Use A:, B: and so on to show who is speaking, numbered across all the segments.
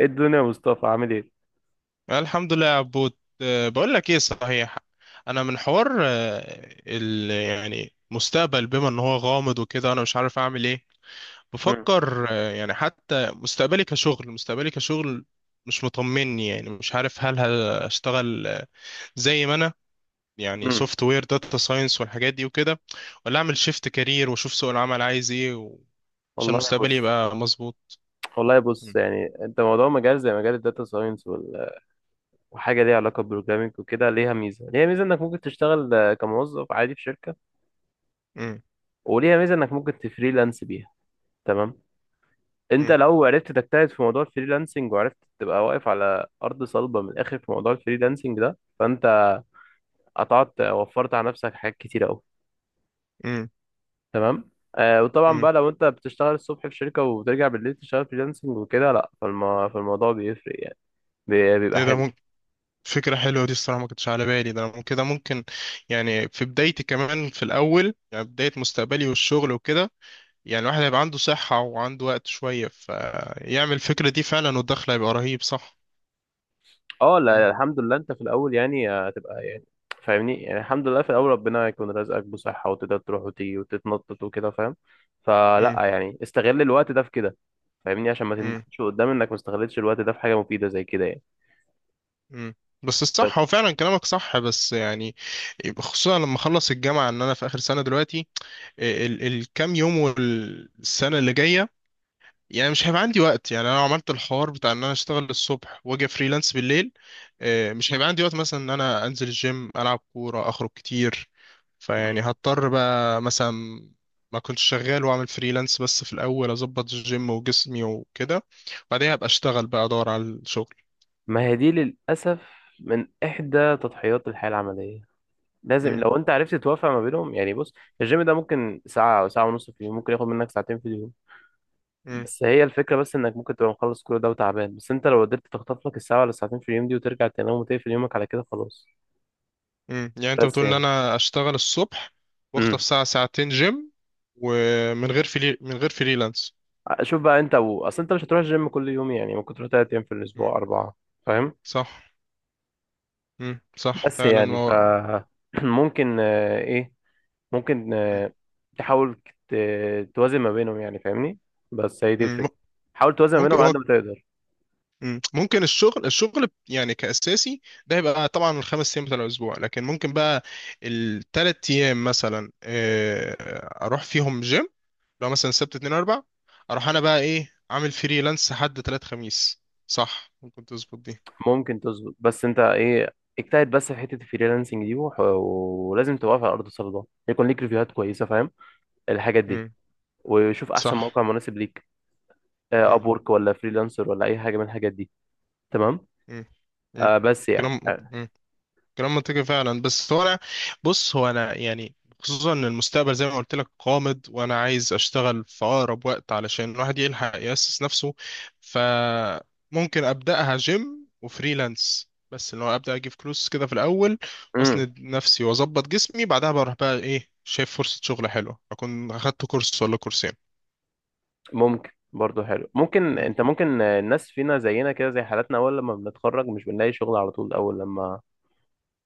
A: ايه الدنيا يا مصطفى عامل ايه؟
B: الحمد لله يا عبود، بقول لك ايه صحيح. انا من حوار يعني مستقبل بما ان هو غامض وكده، انا مش عارف اعمل ايه.
A: مم.
B: بفكر يعني حتى مستقبلي كشغل. مش مطمني، يعني مش عارف هل هشتغل زي ما انا يعني
A: مم.
B: سوفت وير داتا ساينس والحاجات دي وكده، ولا اعمل شيفت كارير واشوف سوق العمل عايز ايه، عشان
A: والله
B: مستقبلي
A: بص.
B: يبقى مظبوط.
A: والله بص،
B: م-
A: يعني انت موضوع مجال زي مجال الداتا ساينس وحاجه ليها علاقه بالبروجرامنج وكده، ليها ميزه انك ممكن تشتغل كموظف عادي في شركه،
B: م-
A: وليها ميزه انك ممكن تفريلانس بيها. تمام. انت
B: م-
A: لو عرفت تجتهد في موضوع الفريلانسنج، وعرفت تبقى واقف على ارض صلبه من الاخر في موضوع الفريلانسنج ده، فانت قطعت وفرت على نفسك حاجات كتير قوي.
B: م-
A: تمام آه. وطبعا
B: م.
A: بقى لو انت بتشتغل الصبح في شركة وبترجع بالليل تشتغل فريلانسنج وكده، لا فالموضوع بيفرق يعني. بيبقى
B: ايه
A: حلو.
B: ده. فكرة حلوة دي الصراحة، ما كنتش على بالي ده. أنا كده ممكن، يعني في بدايتي كمان في الأول، يعني بداية مستقبلي والشغل وكده، يعني الواحد هيبقى عنده صحة وعنده وقت شوية، فيعمل الفكرة دي فعلا، والدخل هيبقى رهيب صح؟
A: اه
B: مم.
A: لا الحمد لله، انت في الاول يعني هتبقى يعني فاهمني، يعني الحمد لله في الاول ربنا يكون رزقك بصحة وتقدر تروح وتيجي وتتنطط وكده، فاهم؟ فلا
B: مم.
A: يعني استغل الوقت ده في كده، فاهمني، عشان ما
B: مم.
A: تندمش قدام انك ما استغلتش الوقت ده في حاجة مفيدة زي كده يعني.
B: مم. بس الصح، هو فعلا كلامك صح، بس يعني خصوصا لما اخلص الجامعة، ان انا في اخر سنة دلوقتي. الكام يوم والسنة اللي جاية، يعني مش هيبقى عندي وقت. يعني انا لو عملت الحوار بتاع ان انا اشتغل الصبح واجي فريلانس بالليل، مش هيبقى عندي وقت مثلا ان انا انزل الجيم، العب كورة، اخرج كتير. فيعني هضطر بقى مثلا ما كنتش شغال، واعمل فريلانس. بس في الاول اظبط الجيم وجسمي وكده، بعدين هبقى اشتغل بقى ادور على الشغل.
A: ما هي دي للأسف من إحدى تضحيات الحياة العملية، لازم
B: امم.
A: لو انت عرفت توافق ما بينهم. يعني بص، الجيم ده ممكن ساعة او ساعة ونص في اليوم، ممكن ياخد منك ساعتين في اليوم،
B: امم.
A: بس هي الفكرة، بس انك ممكن تبقى مخلص كل ده وتعبان، بس انت لو قدرت تخطف لك الساعة ولا الساعتين في اليوم دي وترجع تنام وتقفل يومك على كده، خلاص.
B: امم. يعني انت
A: بس
B: بتقول ان
A: يعني
B: انا اشتغل الصبح واخطف
A: امم،
B: ساعة ساعتين جيم، ومن غير من غير فريلانس.
A: شوف بقى اصل انت مش هتروح الجيم كل يوم، يعني ممكن تروح تلات ايام في
B: مم.
A: الاسبوع، اربعة، فاهم؟
B: صح. مم. صح
A: بس
B: فعلا
A: يعني ف
B: هو.
A: ممكن ايه، ممكن
B: مم.
A: آه، تحاول توازن ما بينهم، يعني فاهمني، بس هي دي
B: مم.
A: الفكرة. حاول توازن ما
B: ممكن
A: بينهم على
B: هو.
A: قد ما تقدر.
B: مم. ممكن الشغل، الشغل يعني كأساسي، ده يبقى طبعا الخمس ايام بتاع الاسبوع، لكن ممكن بقى الثلاث ايام مثلا اروح فيهم جيم. لو مثلا سبت اتنين اربع اروح، انا بقى ايه، عامل فريلانس حد تلات خميس. صح، ممكن تظبط دي.
A: ممكن تظبط، بس انت ايه، اجتهد بس في حته الفريلانسنج دي، ولازم تبقى على ارض الصلبه، يكون ليك ريفيوهات كويسه، فاهم؟ الحاجات دي،
B: مم.
A: وشوف احسن
B: صح.
A: موقع مناسب ليك،
B: مم.
A: اب وورك ولا فريلانسر ولا اي حاجه من الحاجات دي. تمام
B: مم. مم.
A: آه. بس يعني
B: كلام
A: آه.
B: كلام منطقي فعلا. بس هو انا، بص هو انا يعني، خصوصا ان المستقبل زي ما قلت لك قامد، وانا عايز اشتغل في اقرب وقت علشان الواحد يلحق يأسس نفسه. فممكن ابداها جيم وفريلانس، بس اللي هو ابدا اجيب فلوس كده في الاول،
A: مم.
B: واسند نفسي واظبط جسمي. بعدها بروح بقى ايه، شايف فرصة شغل حلوة، اكون اخدت كورس ولا كورسين.
A: ممكن برضه حلو، ممكن
B: مم.
A: انت ممكن آه، الناس فينا زينا كده زي حالاتنا، اول لما بنتخرج مش بنلاقي شغل على طول، اول لما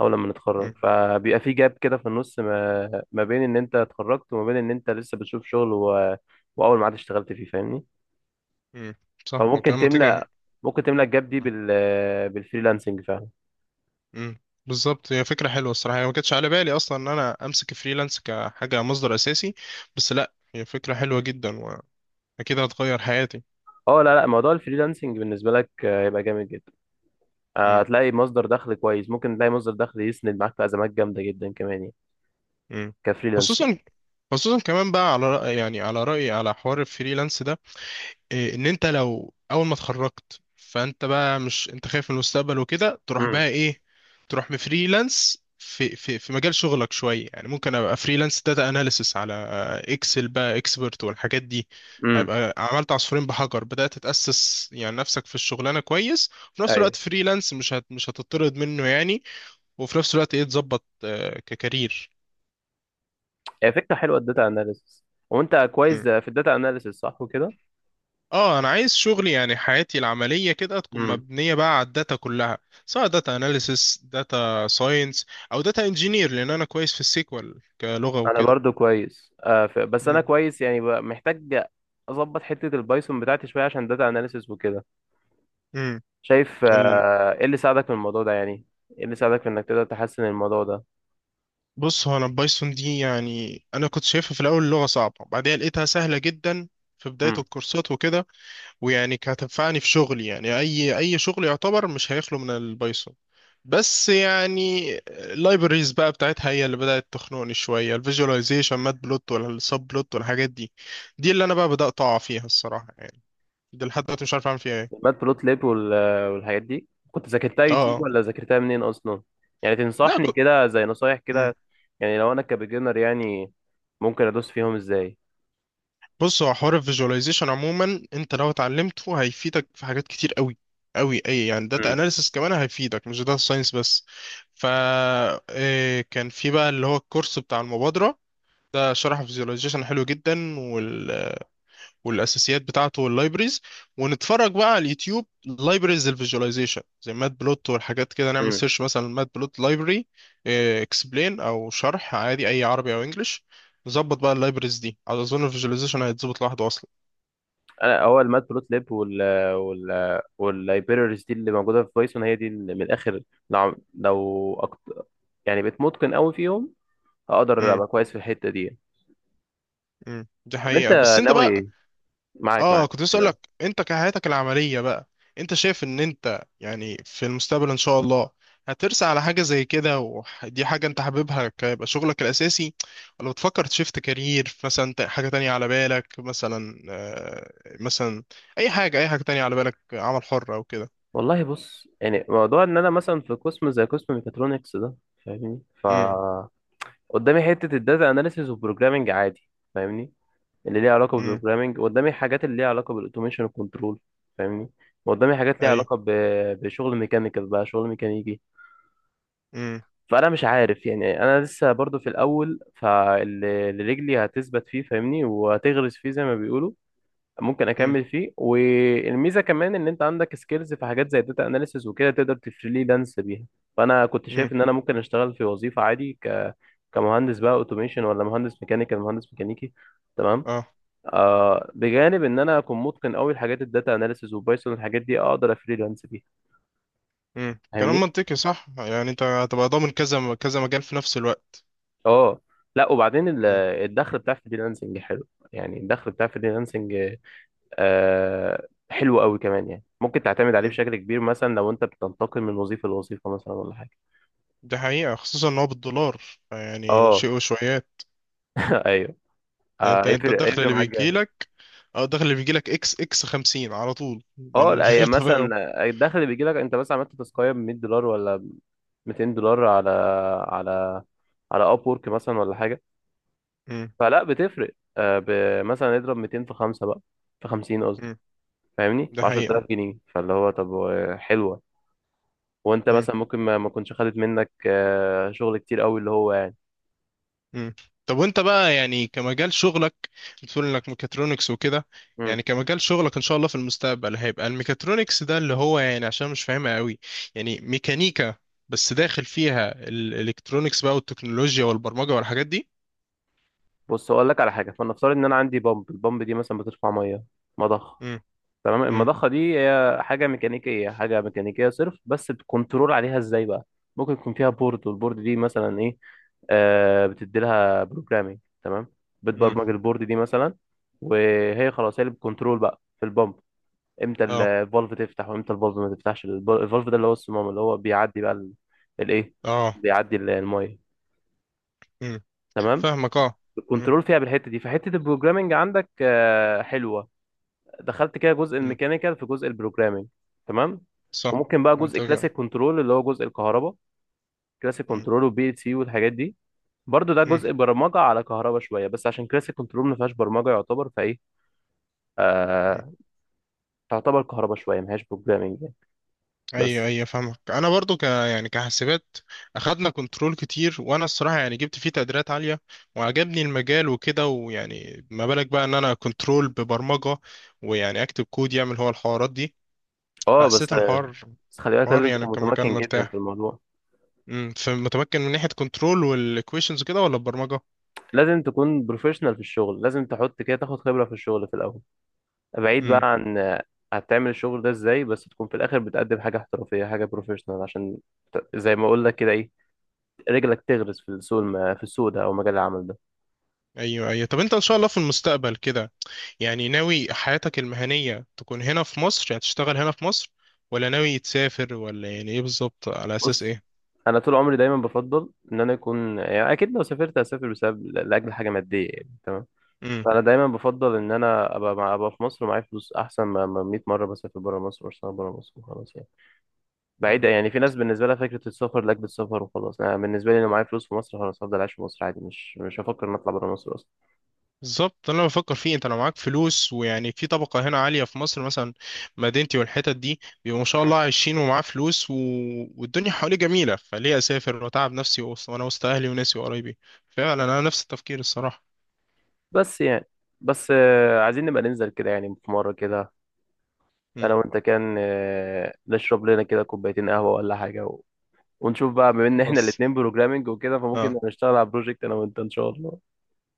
A: اول لما نتخرج
B: مم.
A: فبيبقى في جاب كده في النص ما بين ان انت اتخرجت وما بين ان انت لسه بتشوف شغل واول ما عاد اشتغلت فيه، فاهمني.
B: مم. صح هو
A: فممكن
B: كلام منطقي.
A: تملأ ممكن تملأ الجاب دي بالفريلانسنج فعلا.
B: امم. بالظبط، هي فكرة حلوة الصراحة. هي ما كانتش على بالي أصلا إن أنا أمسك فريلانس كحاجة مصدر أساسي. بس لأ، هي فكرة حلوة جدا وأكيد هتغير حياتي.
A: اه لا لا، موضوع الفريلانسنج بالنسبة لك هيبقى جامد جدا.
B: امم.
A: هتلاقي مصدر دخل كويس، ممكن تلاقي مصدر دخل يسند معاك في أزمات جامدة جدا كمان يعني،
B: امم.
A: كفريلانسنج.
B: خصوصا خصوصا كمان بقى على رأي، يعني على رأيي على حوار الفريلانس ده، ان انت لو اول ما اتخرجت، فانت بقى مش انت خايف من المستقبل وكده، تروح
A: امم
B: بقى ايه، تروح بفريلانس في مجال شغلك شويه. يعني ممكن ابقى فريلانس داتا اناليسس على اكسل بقى اكسبرت والحاجات دي.
A: امم.
B: هيبقى عملت عصفورين بحجر، بدات تتاسس يعني نفسك في الشغلانه كويس، وفي نفس
A: ايوه،
B: الوقت فريلانس مش هتطرد منه يعني. وفي نفس الوقت ايه، تظبط ككارير.
A: هي فكرة حلوة الداتا اناليسيس. وانت كويس في الداتا اناليسيس صح وكده؟
B: اه انا عايز شغلي، يعني حياتي العمليه كده تكون
A: امم.
B: مبنيه بقى على الداتا كلها. سواء داتا اناليسيس، داتا ساينس، او داتا انجينير، لان انا كويس في السيكوال كلغه
A: انا
B: وكده.
A: برضو كويس بس انا
B: مم.
A: كويس يعني محتاج اظبط حتة البايثون بتاعتي شوية عشان داتا اناليسيس وكده.
B: مم.
A: شايف
B: ال...
A: ايه اللي ساعدك في الموضوع ده يعني؟ ايه اللي ساعدك في انك تقدر تحسن الموضوع ده؟
B: بص هو انا البايثون دي، يعني انا كنت شايفها في الاول لغه صعبه، بعدها لقيتها سهله جدا في بدايه
A: امم.
B: الكورسات وكده. ويعني كانت هتنفعني في شغلي. يعني اي شغل يعتبر مش هيخلو من البايثون. بس يعني اللايبريز بقى بتاعتها هي اللي بدأت تخنقني شوية، الفيجواليزيشن، مات بلوت ولا السب بلوت والحاجات دي، دي اللي انا بقى بدأت اقع فيها الصراحة يعني. دي لحد دلوقتي مش عارف اعمل فيها ايه.
A: المات بلوت ليب والحاجات دي كنت ذاكرتها
B: اه.
A: يوتيوب
B: آه.
A: ولا ذاكرتها منين اصلا؟ يعني
B: لا.
A: تنصحني كده زي نصايح
B: مم.
A: كده، يعني لو انا كبيجنر يعني، ممكن ادوس فيهم ازاي؟
B: بص، هو حوار الفيجواليزيشن عموما، انت لو اتعلمته هيفيدك في حاجات كتير قوي قوي. اي يعني داتا
A: امم
B: اناليسس كمان هيفيدك، مش داتا ساينس بس. ف كان في بقى اللي هو الكورس بتاع المبادرة ده، شرح فيزيواليزيشن حلو جدا. والاساسيات بتاعته واللايبريز. ونتفرج بقى على اليوتيوب لايبريز الفيزيواليزيشن زي مات بلوت والحاجات كده. نعمل
A: امم.
B: سيرش مثلا مات بلوت لايبرري اكسبلين، او شرح عادي اي عربي او انجليش. نظبط بقى اللايبريز دي، على اظن الفيزيواليزيشن هيتظبط لوحده اصلا.
A: انا هو المات بلوت ليب وال واللايبريز دي اللي موجوده في بايثون، هي دي اللي من الاخر. لو يعني بقيت متقن قوي فيهم، هقدر
B: امم.
A: ابقى كويس في الحته دي.
B: دي
A: طب انت
B: حقيقة، بس انت
A: ناوي
B: بقى،
A: إيه؟ معاك
B: اه
A: معاك.
B: كنت لسه اقولك، انت كحياتك العمليه بقى، انت شايف ان انت يعني في المستقبل ان شاء الله هترسى على حاجه زي كده، ودي حاجه انت حاببها كيبقى شغلك الاساسي؟ ولا بتفكر تشيفت كارير مثلا، حاجه تانية على بالك مثلا مثلا، اي حاجه تانية على بالك، عمل حر او كده؟
A: والله بص، يعني موضوع ان انا مثلا في قسم زي قسم ميكاترونكس ده، فاهمني ف،
B: امم.
A: قدامي حته الداتا اناليسيز وبروجرامنج عادي، فاهمني، اللي ليها علاقه
B: امم.
A: بالبروجرامنج. قدامي حاجات اللي ليها علاقه بالاوتوميشن والكنترول، فاهمني، وقدامي حاجات ليها
B: اي.
A: علاقه بشغل ميكانيكال بقى، شغل ميكانيكي.
B: امم.
A: فانا مش عارف يعني، انا لسه برضو في الاول، فاللي رجلي هتثبت فيه فاهمني، وهتغرس فيه زي ما بيقولوا، ممكن
B: امم.
A: اكمل فيه. والميزه كمان ان انت عندك سكيلز في حاجات زي داتا اناليسز وكده، تقدر تفريلانس بيها. فانا كنت
B: امم.
A: شايف ان انا ممكن اشتغل في وظيفه عادي، ك، كمهندس بقى اوتوميشن ولا مهندس ميكانيكال، مهندس ميكانيكي. تمام
B: اه.
A: آه. بجانب ان انا اكون متقن قوي لحاجات الداتا اناليسز وبايثون، الحاجات دي اقدر افريلانس بيها،
B: كلام
A: فاهمني.
B: منطقي صح. يعني انت هتبقى ضامن كذا كذا مجال في نفس الوقت.
A: اه لا وبعدين
B: امم،
A: الدخل بتاع الفريلانسنج حلو. يعني الدخل بتاع الفريلانسنج حلو قوي كمان، يعني ممكن تعتمد عليه
B: امم.
A: بشكل كبير مثلا لو انت بتنتقل من وظيفه لوظيفه مثلا ولا حاجه.
B: دي حقيقة خصوصا ان هو بالدولار، يعني
A: اه
B: شيء وشويات.
A: ايوه.
B: يعني انت
A: هيفرق،
B: الدخل
A: هيفرق
B: اللي
A: معاك جامد.
B: بيجيلك، او الدخل اللي بيجيلك اكس خمسين على طول
A: اه
B: من
A: لا، هي
B: غير تفاهم.
A: مثلا الدخل اللي بيجي لك انت مثلا عملت تسقيه ب 100 دولار ولا 200 دولار على على على اب وورك مثلا ولا حاجه،
B: امم.
A: فلا بتفرق. مثلا اضرب 200 في 5 بقى، في 50 قصدي،
B: امم.
A: فاهمني،
B: ده
A: ب 10000
B: حقيقة.
A: جنيه فاللي هو طب حلوه. وانت
B: امم.
A: مثلا ممكن ما كنتش خدت منك شغل كتير قوي اللي هو يعني.
B: امم. طب وانت بقى يعني كمجال شغلك، بتقول انك ميكاترونكس وكده، يعني كمجال شغلك ان شاء الله في المستقبل هيبقى الميكاترونكس ده؟ اللي هو يعني، عشان مش فاهمها قوي، يعني ميكانيكا بس داخل فيها الالكترونكس بقى والتكنولوجيا والبرمجة والحاجات دي؟
A: بص اقول لك على حاجه، فلنفترض ان انا عندي بامب، البامب دي مثلا بترفع ميه، مضخه.
B: امم.
A: تمام.
B: امم.
A: المضخه دي هي حاجه ميكانيكيه، حاجه ميكانيكيه صرف، بس الكنترول عليها ازاي بقى؟ ممكن يكون فيها بورد، والبورد دي مثلا ايه، آه بتدي لها بروجرامينج. تمام.
B: امم.
A: بتبرمج البورد دي مثلا، وهي خلاص هي اللي بتكنترول بقى في البامب، امتى
B: اه.
A: الفالف تفتح وامتى الفالف ما تفتحش. الفالف ده اللي هو الصمام، اللي هو بيعدي بقى ال- الايه
B: اه
A: بيعدي الميه. تمام.
B: فاهمك اه. مم.
A: كنترول فيها بالحته دي، فحته البروجرامنج عندك حلوه. دخلت كده جزء
B: مم.
A: الميكانيكال في جزء البروجرامنج. تمام.
B: صح.
A: وممكن بقى جزء
B: منطقة.
A: كلاسيك كنترول اللي هو جزء الكهرباء، كلاسيك
B: مم.
A: كنترول وبي ال سي والحاجات دي. برضو ده
B: مم.
A: جزء برمجه على كهرباء شويه، بس عشان كلاسيك كنترول ما فيهاش برمجه يعتبر فايه،
B: مم.
A: آه، تعتبر كهرباء شويه ما فيهاش بروجرامنج يعني.
B: ايوه
A: بس
B: ايوه فاهمك. انا برضو ك يعني كحاسبات اخدنا كنترول كتير، وانا الصراحه يعني جبت فيه تقديرات عاليه وعجبني المجال وكده. ويعني ما بالك بقى ان انا كنترول ببرمجه، ويعني اكتب كود يعمل هو الحوارات دي.
A: اه، بس
B: فحسيت
A: آه،
B: الحوار،
A: بس خلي بالك
B: حوار
A: لازم
B: يعني
A: تكون
B: كمجال
A: متمكن جدا في
B: مرتاح.
A: الموضوع.
B: امم. فمتمكن من ناحيه كنترول والايكويشنز كده، ولا البرمجه؟
A: لازم تكون بروفيشنال في الشغل، لازم تحط كده تاخد خبره في الشغل في الاول، بعيد بقى عن هتعمل الشغل ده ازاي، بس تكون في الاخر بتقدم حاجه احترافيه، حاجه بروفيشنال، عشان زي ما اقول لك كده ايه، رجلك تغرز في السوق في السوق ده او مجال العمل ده.
B: ايوه ايوه. طب انت ان شاء الله في المستقبل كده، يعني ناوي حياتك المهنية تكون هنا في مصر، يعني تشتغل هنا في مصر، ولا ناوي تسافر، ولا يعني ايه بالظبط، على اساس
A: بص،
B: ايه؟
A: انا طول عمري دايما بفضل ان انا اكون، يعني اكيد لو سافرت هسافر بسبب لاجل حاجه ماديه يعني. تمام.
B: امم.
A: فانا دايما بفضل ان انا ابقى ابقى في مصر ومعايا فلوس، احسن ما 100 مره بسافر بره مصر واشتغل بره مصر وخلاص يعني.
B: أمم.
A: بعيدة يعني، في ناس بالنسبة لها فكرة السفر لأجل السفر وخلاص. أنا بالنسبة لي لو معايا فلوس في مصر خلاص هفضل عايش في مصر عادي، مش هفكر إن أطلع برا مصر أصلا.
B: بالظبط، ده اللي انا بفكر فيه. انت لو معاك فلوس ويعني في طبقة هنا عالية في مصر مثلا، مدينتي والحتت دي، بيبقوا ما شاء
A: مم.
B: الله عايشين ومعاه فلوس، والدنيا حواليه جميلة، فليه اسافر واتعب نفسي؟ وانا وسط اهلي وناسي وقرايبي. فعلا انا نفس التفكير الصراحة.
A: بس يعني، بس عايزين نبقى ننزل كده يعني في مرة كده،
B: امم.
A: أنا وأنت، كان نشرب لنا كده كوبايتين قهوة ولا حاجة، ونشوف بقى بما إن إحنا
B: خلاص.
A: الاتنين بروجرامينج وكده، فممكن
B: اه
A: نشتغل على بروجكت أنا وأنت إن شاء الله.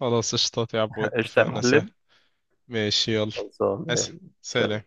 B: خلاص قشطات يا عبود،
A: قشطة يا
B: اتفقنا
A: معلم.
B: سهل. ماشي يلا.
A: خلصان
B: اشتركوا
A: يلا.
B: في
A: سلام.
B: القناة.